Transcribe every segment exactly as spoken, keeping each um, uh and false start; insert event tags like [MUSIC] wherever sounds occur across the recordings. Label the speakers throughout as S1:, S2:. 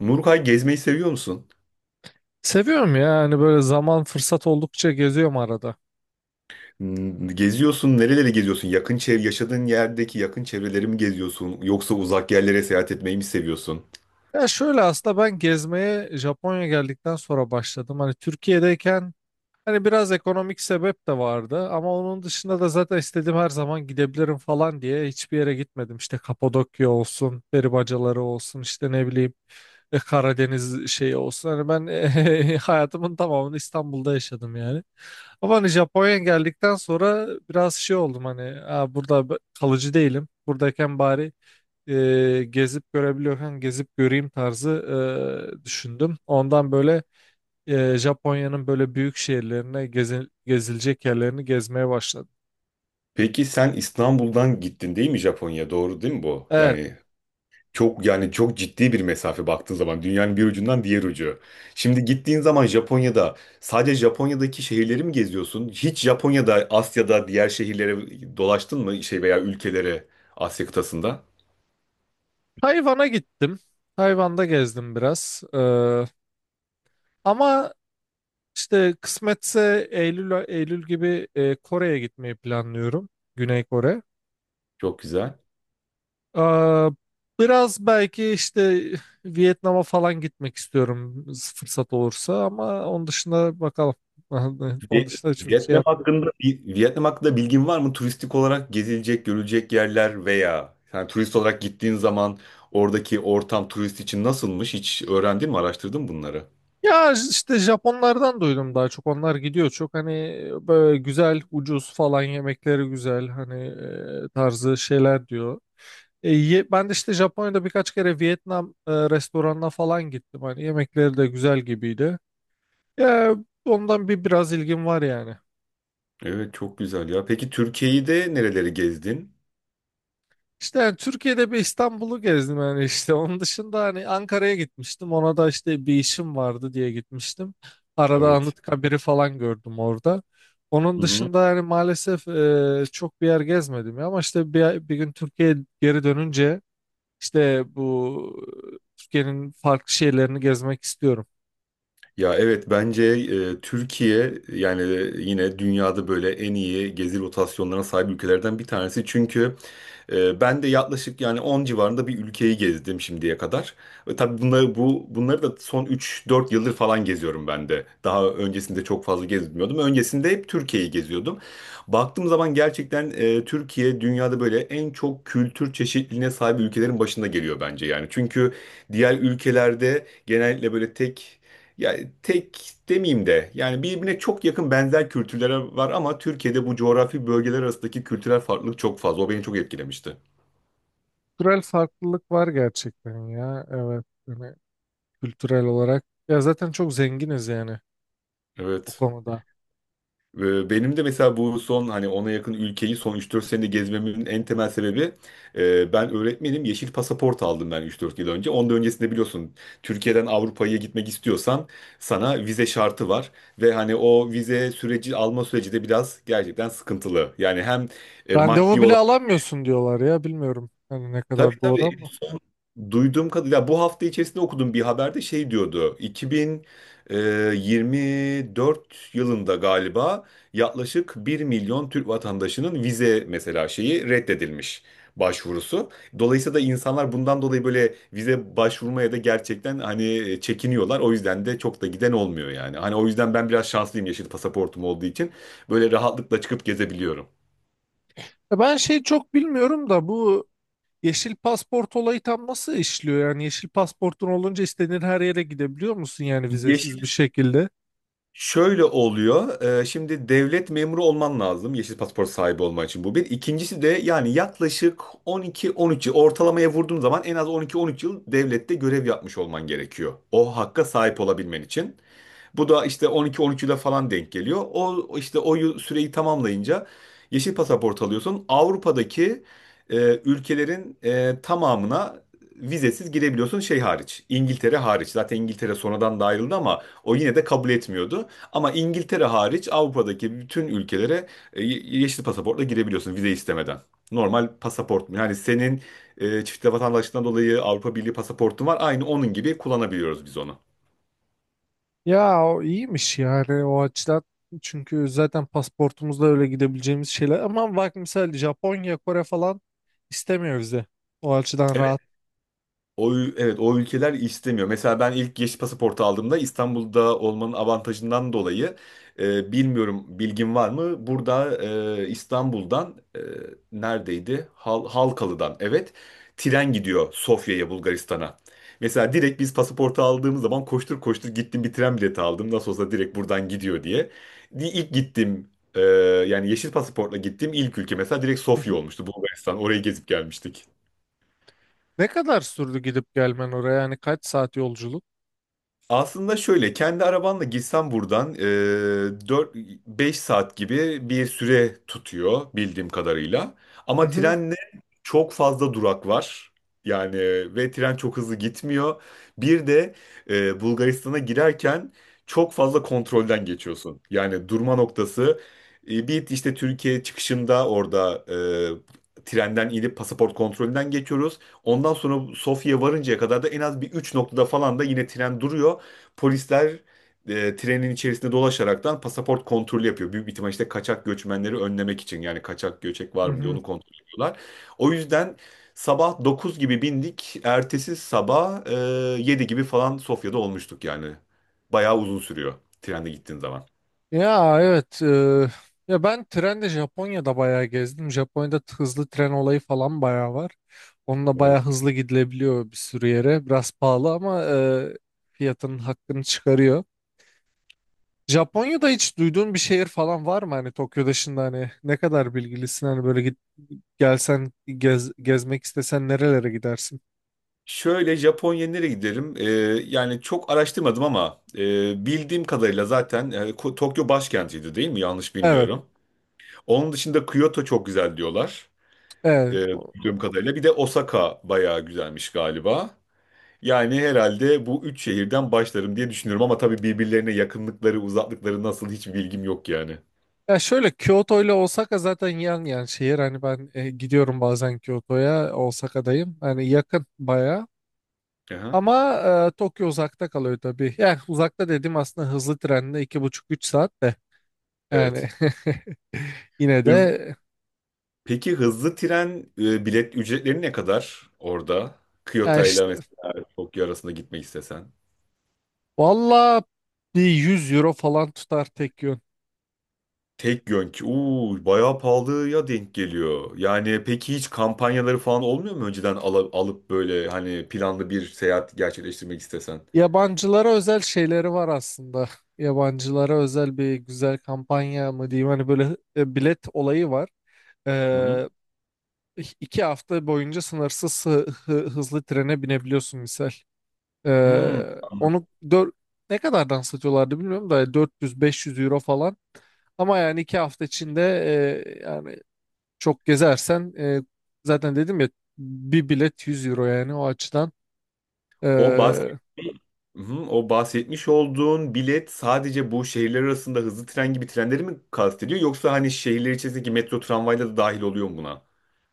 S1: Nurkay gezmeyi seviyor musun?
S2: Seviyorum ya hani böyle zaman fırsat oldukça geziyorum arada.
S1: Hmm, Geziyorsun, nereleri geziyorsun? Yakın çev yaşadığın yerdeki yakın çevreleri mi geziyorsun? Yoksa uzak yerlere seyahat etmeyi mi seviyorsun?
S2: Ya şöyle aslında ben gezmeye Japonya geldikten sonra başladım. Hani Türkiye'deyken. Hani biraz ekonomik sebep de vardı ama onun dışında da zaten istediğim her zaman gidebilirim falan diye hiçbir yere gitmedim. İşte Kapadokya olsun, peri olsun, işte ne bileyim, e, Karadeniz şeyi olsun. Hani ben [LAUGHS] eh, hayatımın tamamını İstanbul'da yaşadım yani. Ama hani Japonya'ya geldikten sonra biraz şey oldum, hani "Aa, burada b- kalıcı değilim. Buradayken bari, e, gezip görebiliyorken gezip göreyim tarzı e, düşündüm. Ondan böyle, e, Japonya'nın böyle büyük şehirlerine gezi- gezilecek yerlerini gezmeye başladım.
S1: Peki sen İstanbul'dan gittin değil mi Japonya? Doğru değil mi bu?
S2: Evet,
S1: Yani çok yani çok ciddi bir mesafe, baktığın zaman dünyanın bir ucundan diğer ucu. Şimdi gittiğin zaman Japonya'da sadece Japonya'daki şehirleri mi geziyorsun? Hiç Japonya'da, Asya'da diğer şehirlere dolaştın mı şey, veya ülkelere, Asya kıtasında?
S2: Tayvan'a gittim. Tayvan'da gezdim biraz. Ee, ama işte kısmetse Eylül Eylül gibi, e, Kore'ye gitmeyi planlıyorum. Güney Kore.
S1: Çok güzel.
S2: Ee, Biraz belki işte [LAUGHS] Vietnam'a falan gitmek istiyorum, fırsat olursa, ama onun dışında bakalım. [LAUGHS] Onun
S1: Vi-
S2: dışında çok şey.
S1: Vietnam hakkında bir- Vietnam hakkında bilgin var mı? Turistik olarak gezilecek, görülecek yerler veya yani turist olarak gittiğin zaman oradaki ortam turist için nasılmış? Hiç öğrendin mi, araştırdın mı bunları?
S2: Ya işte Japonlardan duydum daha çok. Onlar gidiyor çok. Hani böyle güzel, ucuz falan, yemekleri güzel. Hani, e, tarzı şeyler diyor. E, ye- ben de işte Japonya'da birkaç kere Vietnam e, restoranına falan gittim. Hani yemekleri de güzel gibiydi. Ya ondan bir biraz ilgim var yani.
S1: Evet, çok güzel ya. Peki Türkiye'yi de nereleri gezdin?
S2: İşte yani Türkiye'de bir İstanbul'u gezdim yani, işte onun dışında hani Ankara'ya gitmiştim, ona da işte bir işim vardı diye gitmiştim. Arada
S1: Evet.
S2: Anıtkabir'i falan gördüm orada. Onun
S1: Hı hı.
S2: dışında yani maalesef e, çok bir yer gezmedim ya, ama işte bir, bir gün Türkiye'ye geri dönünce işte bu, e, Türkiye'nin farklı şeylerini gezmek istiyorum.
S1: Ya evet, bence e, Türkiye yani yine dünyada böyle en iyi gezi rotasyonlarına sahip ülkelerden bir tanesi. Çünkü Ee, ben de yaklaşık yani on civarında bir ülkeyi gezdim şimdiye kadar. Ve tabii bunları bu bunları da son üç dört yıldır falan geziyorum ben de. Daha öncesinde çok fazla gezmiyordum. Öncesinde hep Türkiye'yi geziyordum. Baktığım zaman gerçekten e, Türkiye dünyada böyle en çok kültür çeşitliliğine sahip ülkelerin başında geliyor bence yani. Çünkü diğer ülkelerde genellikle böyle tek, ya tek demeyeyim de yani birbirine çok yakın benzer kültürlere var, ama Türkiye'de bu coğrafi bölgeler arasındaki kültürel farklılık çok fazla. O beni çok etkilemişti.
S2: Kültürel farklılık var gerçekten ya, evet, hani kültürel olarak ya zaten çok zenginiz yani o
S1: Evet.
S2: konuda.
S1: Ve benim de mesela bu son hani ona yakın ülkeyi son üç dört senede gezmemin en temel sebebi, e, ben öğretmenim, yeşil pasaport aldım ben üç dört yıl önce. Ondan öncesinde biliyorsun, Türkiye'den Avrupa'ya gitmek istiyorsan sana vize şartı var. Ve hani o vize süreci, alma süreci de biraz gerçekten sıkıntılı. Yani hem e,
S2: Randevu
S1: maddi
S2: bile
S1: olarak.
S2: alamıyorsun diyorlar ya, bilmiyorum hani ne
S1: Tabii,
S2: kadar doğru
S1: tabii.
S2: ama.
S1: Duyduğum kadarıyla bu hafta içerisinde okudum bir haberde, şey diyordu. iki bin yirmi dört yılında galiba yaklaşık bir milyon Türk vatandaşının vize, mesela şeyi reddedilmiş, başvurusu. Dolayısıyla da insanlar bundan dolayı böyle vize başvurmaya da gerçekten hani e, çekiniyorlar. O yüzden de çok da giden olmuyor yani. Hani o yüzden ben biraz şanslıyım, yeşil pasaportum olduğu için böyle rahatlıkla çıkıp gezebiliyorum.
S2: Ya ben şey çok bilmiyorum da, bu yeşil pasaport olayı tam nasıl işliyor? Yani yeşil pasaportun olunca istediğin her yere gidebiliyor musun, yani
S1: Yeşil
S2: vizesiz bir şekilde?
S1: Şöyle oluyor. E, şimdi devlet memuru olman lazım, yeşil pasaport sahibi olman için. Bu bir. İkincisi de yani yaklaşık on iki, on üç yıl, ortalamaya vurduğum zaman en az on iki, on üç yıl devlette görev yapmış olman gerekiyor, o hakka sahip olabilmen için. Bu da işte on iki on üçünde falan denk geliyor. O işte o yıl- süreyi tamamlayınca yeşil pasaport alıyorsun. Avrupa'daki e, ülkelerin e, tamamına vizesiz girebiliyorsun, şey hariç, İngiltere hariç. Zaten İngiltere sonradan da ayrıldı ama o yine de kabul etmiyordu. Ama İngiltere hariç Avrupa'daki bütün ülkelere e, ye- yeşil pasaportla girebiliyorsun vize istemeden. Normal pasaport. Yani senin e, çift vatandaşlığından dolayı Avrupa Birliği pasaportun var. Aynı onun gibi kullanabiliyoruz biz onu.
S2: Ya o iyiymiş yani o açıdan. Çünkü zaten pasaportumuzla öyle gidebileceğimiz şeyler. Ama bak mesela Japonya, Kore falan istemiyor vize. O açıdan rahat.
S1: O, ül- evet, o ülkeler istemiyor. Mesela ben ilk yeşil pasaportu aldığımda, İstanbul'da olmanın avantajından dolayı, e, bilmiyorum bilgin var mı, burada e, İstanbul'dan, e, neredeydi? Hal, Halkalı'dan, evet, tren gidiyor Sofya'ya, Bulgaristan'a. Mesela direkt biz pasaportu aldığımız zaman koştur koştur gittim, bir tren bileti aldım. Nasıl olsa direkt buradan gidiyor diye. Di- İlk gittim, yani yeşil pasaportla gittiğim ilk ülke mesela direkt Sofya
S2: [LAUGHS]
S1: olmuştu, Bulgaristan. Orayı gezip gelmiştik.
S2: Ne kadar sürdü gidip gelmen oraya? Yani kaç saat yolculuk?
S1: Aslında şöyle, kendi arabanla gitsen buradan dört beş saat gibi bir süre tutuyor bildiğim kadarıyla. Ama
S2: Mhm.
S1: trenle çok fazla durak var. Yani, ve tren çok hızlı gitmiyor. Bir de e, Bulgaristan'a girerken çok fazla kontrolden geçiyorsun. Yani durma noktası, e, bir işte Türkiye çıkışında orada e, trenden inip pasaport kontrolünden geçiyoruz. Ondan sonra Sofya'ya varıncaya kadar da en az bir üç noktada falan da yine tren duruyor. Polisler e, trenin içerisinde dolaşaraktan pasaport kontrolü yapıyor. Büyük bir ihtimal işte kaçak göçmenleri önlemek için, yani kaçak göçek var mı diye
S2: Mhm.
S1: onu kontrol ediyorlar. O yüzden sabah dokuz gibi bindik. Ertesi sabah e, yedi gibi falan Sofya'da olmuştuk yani. Bayağı uzun sürüyor trende gittiğin zaman.
S2: Ya, evet. Eee, ya ben trenle Japonya'da bayağı gezdim. Japonya'da t- hızlı tren olayı falan bayağı var. Onunla bayağı
S1: Evet.
S2: hızlı gidilebiliyor bir sürü yere. Biraz pahalı ama eee, fiyatının hakkını çıkarıyor. Japonya'da hiç duyduğun bir şehir falan var mı? Hani Tokyo dışında hani ne kadar bilgilisin? Hani böyle git, gelsen gez, gezmek istesen nerelere gidersin?
S1: Şöyle, Japonya'ya nereye gidelim? Ee, yani çok araştırmadım ama e, bildiğim kadarıyla zaten e, Ko- Tokyo başkentiydi değil mi? Yanlış
S2: Evet,
S1: bilmiyorum. Onun dışında Kyoto çok güzel diyorlar, E,
S2: evet.
S1: duyduğum kadarıyla. Bir de Osaka bayağı güzelmiş galiba. Yani herhalde bu üç şehirden başlarım diye düşünüyorum, ama tabii birbirlerine yakınlıkları, uzaklıkları nasıl, hiç bilgim yok yani.
S2: Ya şöyle, Kyoto ile Osaka zaten yan yan şehir. Hani ben, e, gidiyorum bazen Kyoto'ya, Osaka'dayım. Hani yakın bayağı.
S1: Aha,
S2: Ama, e, Tokyo uzakta kalıyor tabii. Yani uzakta dedim, aslında hızlı trenle iki buçuk üç saat de.
S1: evet.
S2: Yani [LAUGHS] yine
S1: Hız-
S2: de,
S1: Peki hızlı tren e, bilet ücretleri ne kadar orada?
S2: ya
S1: Kyoto ile
S2: işte
S1: mesela Tokyo arasında gitmek istesen.
S2: valla bir yüz euro falan tutar tek yön.
S1: Tek yönk. Uuu, bayağı pahalıya denk geliyor. Yani peki hiç kampanyaları falan olmuyor mu, önceden ala- alıp böyle hani planlı bir seyahat gerçekleştirmek istesen?
S2: Yabancılara özel şeyleri var aslında. Yabancılara özel bir güzel kampanya mı diyeyim, hani böyle, e, bilet olayı var.
S1: Hı hı.
S2: iki hafta boyunca sınırsız hı- hı- hızlı trene binebiliyorsun misal.
S1: Hmm.
S2: Ee, onu dör- ne kadardan satıyorlardı bilmiyorum da dört yüz-beş yüz euro falan. Ama yani iki hafta içinde, e, yani çok gezersen, e, zaten dedim ya bir bilet yüz euro yani o açıdan.
S1: O bahsetmiş,
S2: Ee,
S1: o bahsetmiş olduğun bilet sadece bu şehirler arasında hızlı tren gibi trenleri mi kastediyor, yoksa hani şehirler içerisindeki metro, tramvayla da dahil oluyor mu buna?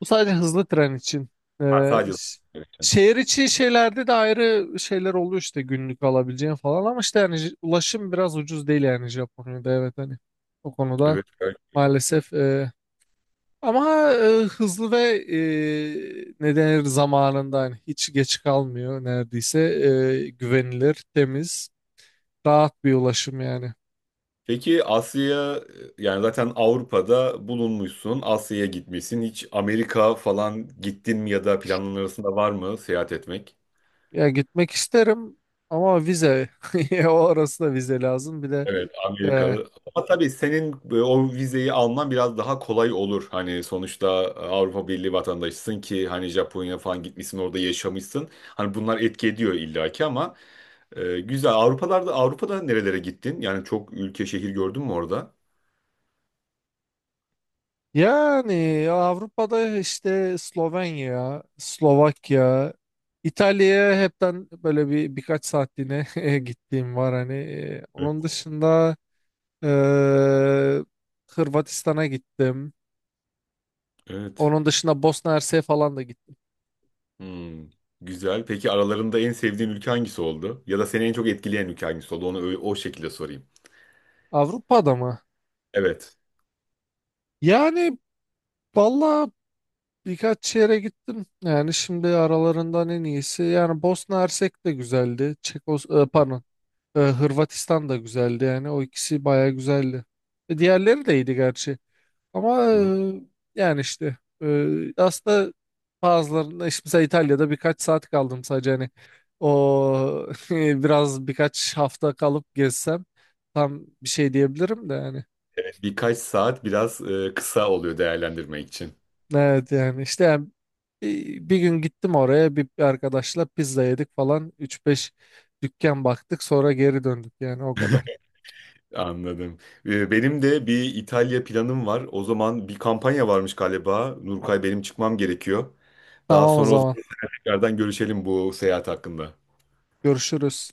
S2: Bu sadece hızlı tren için.
S1: Ha,
S2: Ee,
S1: sadece.
S2: ş-
S1: Evet.
S2: Şehir içi şeylerde de ayrı şeyler oluyor, işte günlük alabileceğin falan, ama işte yani j- ulaşım biraz ucuz değil yani Japonya'da, evet, hani o konuda
S1: Evet. Evet.
S2: maalesef, e, ama, e, hızlı ve, e, ne denir, zamanında hani hiç geç kalmıyor neredeyse. E, güvenilir, temiz, rahat bir ulaşım yani.
S1: Peki Asya'ya, yani zaten Avrupa'da bulunmuşsun, Asya'ya gitmişsin. Hiç Amerika falan gittin mi ya da planların arasında var mı seyahat etmek?
S2: Ya gitmek isterim ama vize [LAUGHS] o arasında vize lazım bir de.
S1: Evet,
S2: e,
S1: Amerikalı. Ama tabii senin e, o vizeyi alman biraz daha kolay olur. Hani sonuçta e, Avrupa Birliği vatandaşısın ki, hani Japonya falan gitmişsin, orada yaşamışsın. Hani bunlar etki ediyor illaki, ama e, güzel. Avrupalarda Avrupa'da nerelere gittin? Yani çok ülke, şehir gördün mü orada?
S2: Yani Avrupa'da işte Slovenya, Slovakya, İtalya'ya hepten böyle bir birkaç saatliğine [LAUGHS] gittiğim var hani. e,
S1: Evet.
S2: Onun dışında, e, Hırvatistan'a gittim.
S1: Evet.
S2: Onun dışında Bosna Hersek'e falan da gittim.
S1: Hmm, güzel. Peki aralarında en sevdiğin ülke hangisi oldu? Ya da seni en çok etkileyen ülke hangisi oldu? Onu öyle- o şekilde sorayım.
S2: Avrupa'da mı?
S1: Evet.
S2: Yani valla birkaç yere gittim. Yani şimdi aralarından en iyisi. Yani Bosna Hersek de güzeldi. Çekos e, pardon. Ee, Hırvatistan da güzeldi yani. O ikisi baya güzeldi. E, diğerleri de iyiydi gerçi. Ama,
S1: Hı hı.
S2: e, yani işte, e, aslında bazılarında işte mesela İtalya'da birkaç saat kaldım sadece, hani o [LAUGHS] biraz birkaç hafta kalıp gezsem tam bir şey diyebilirim de yani.
S1: Birkaç saat biraz e, kısa oluyor değerlendirmek için.
S2: Evet yani işte yani bir, bir gün gittim oraya bir, bir arkadaşla pizza yedik falan, üç beş dükkan baktık sonra geri döndük yani o kadar.
S1: Anladım. Ee, Benim de bir İtalya planım var. O zaman bir kampanya varmış galiba. Nurkay, benim çıkmam gerekiyor. Daha
S2: Tamam o
S1: sonra o
S2: zaman
S1: zaman tekrardan görüşelim bu seyahat hakkında.
S2: görüşürüz.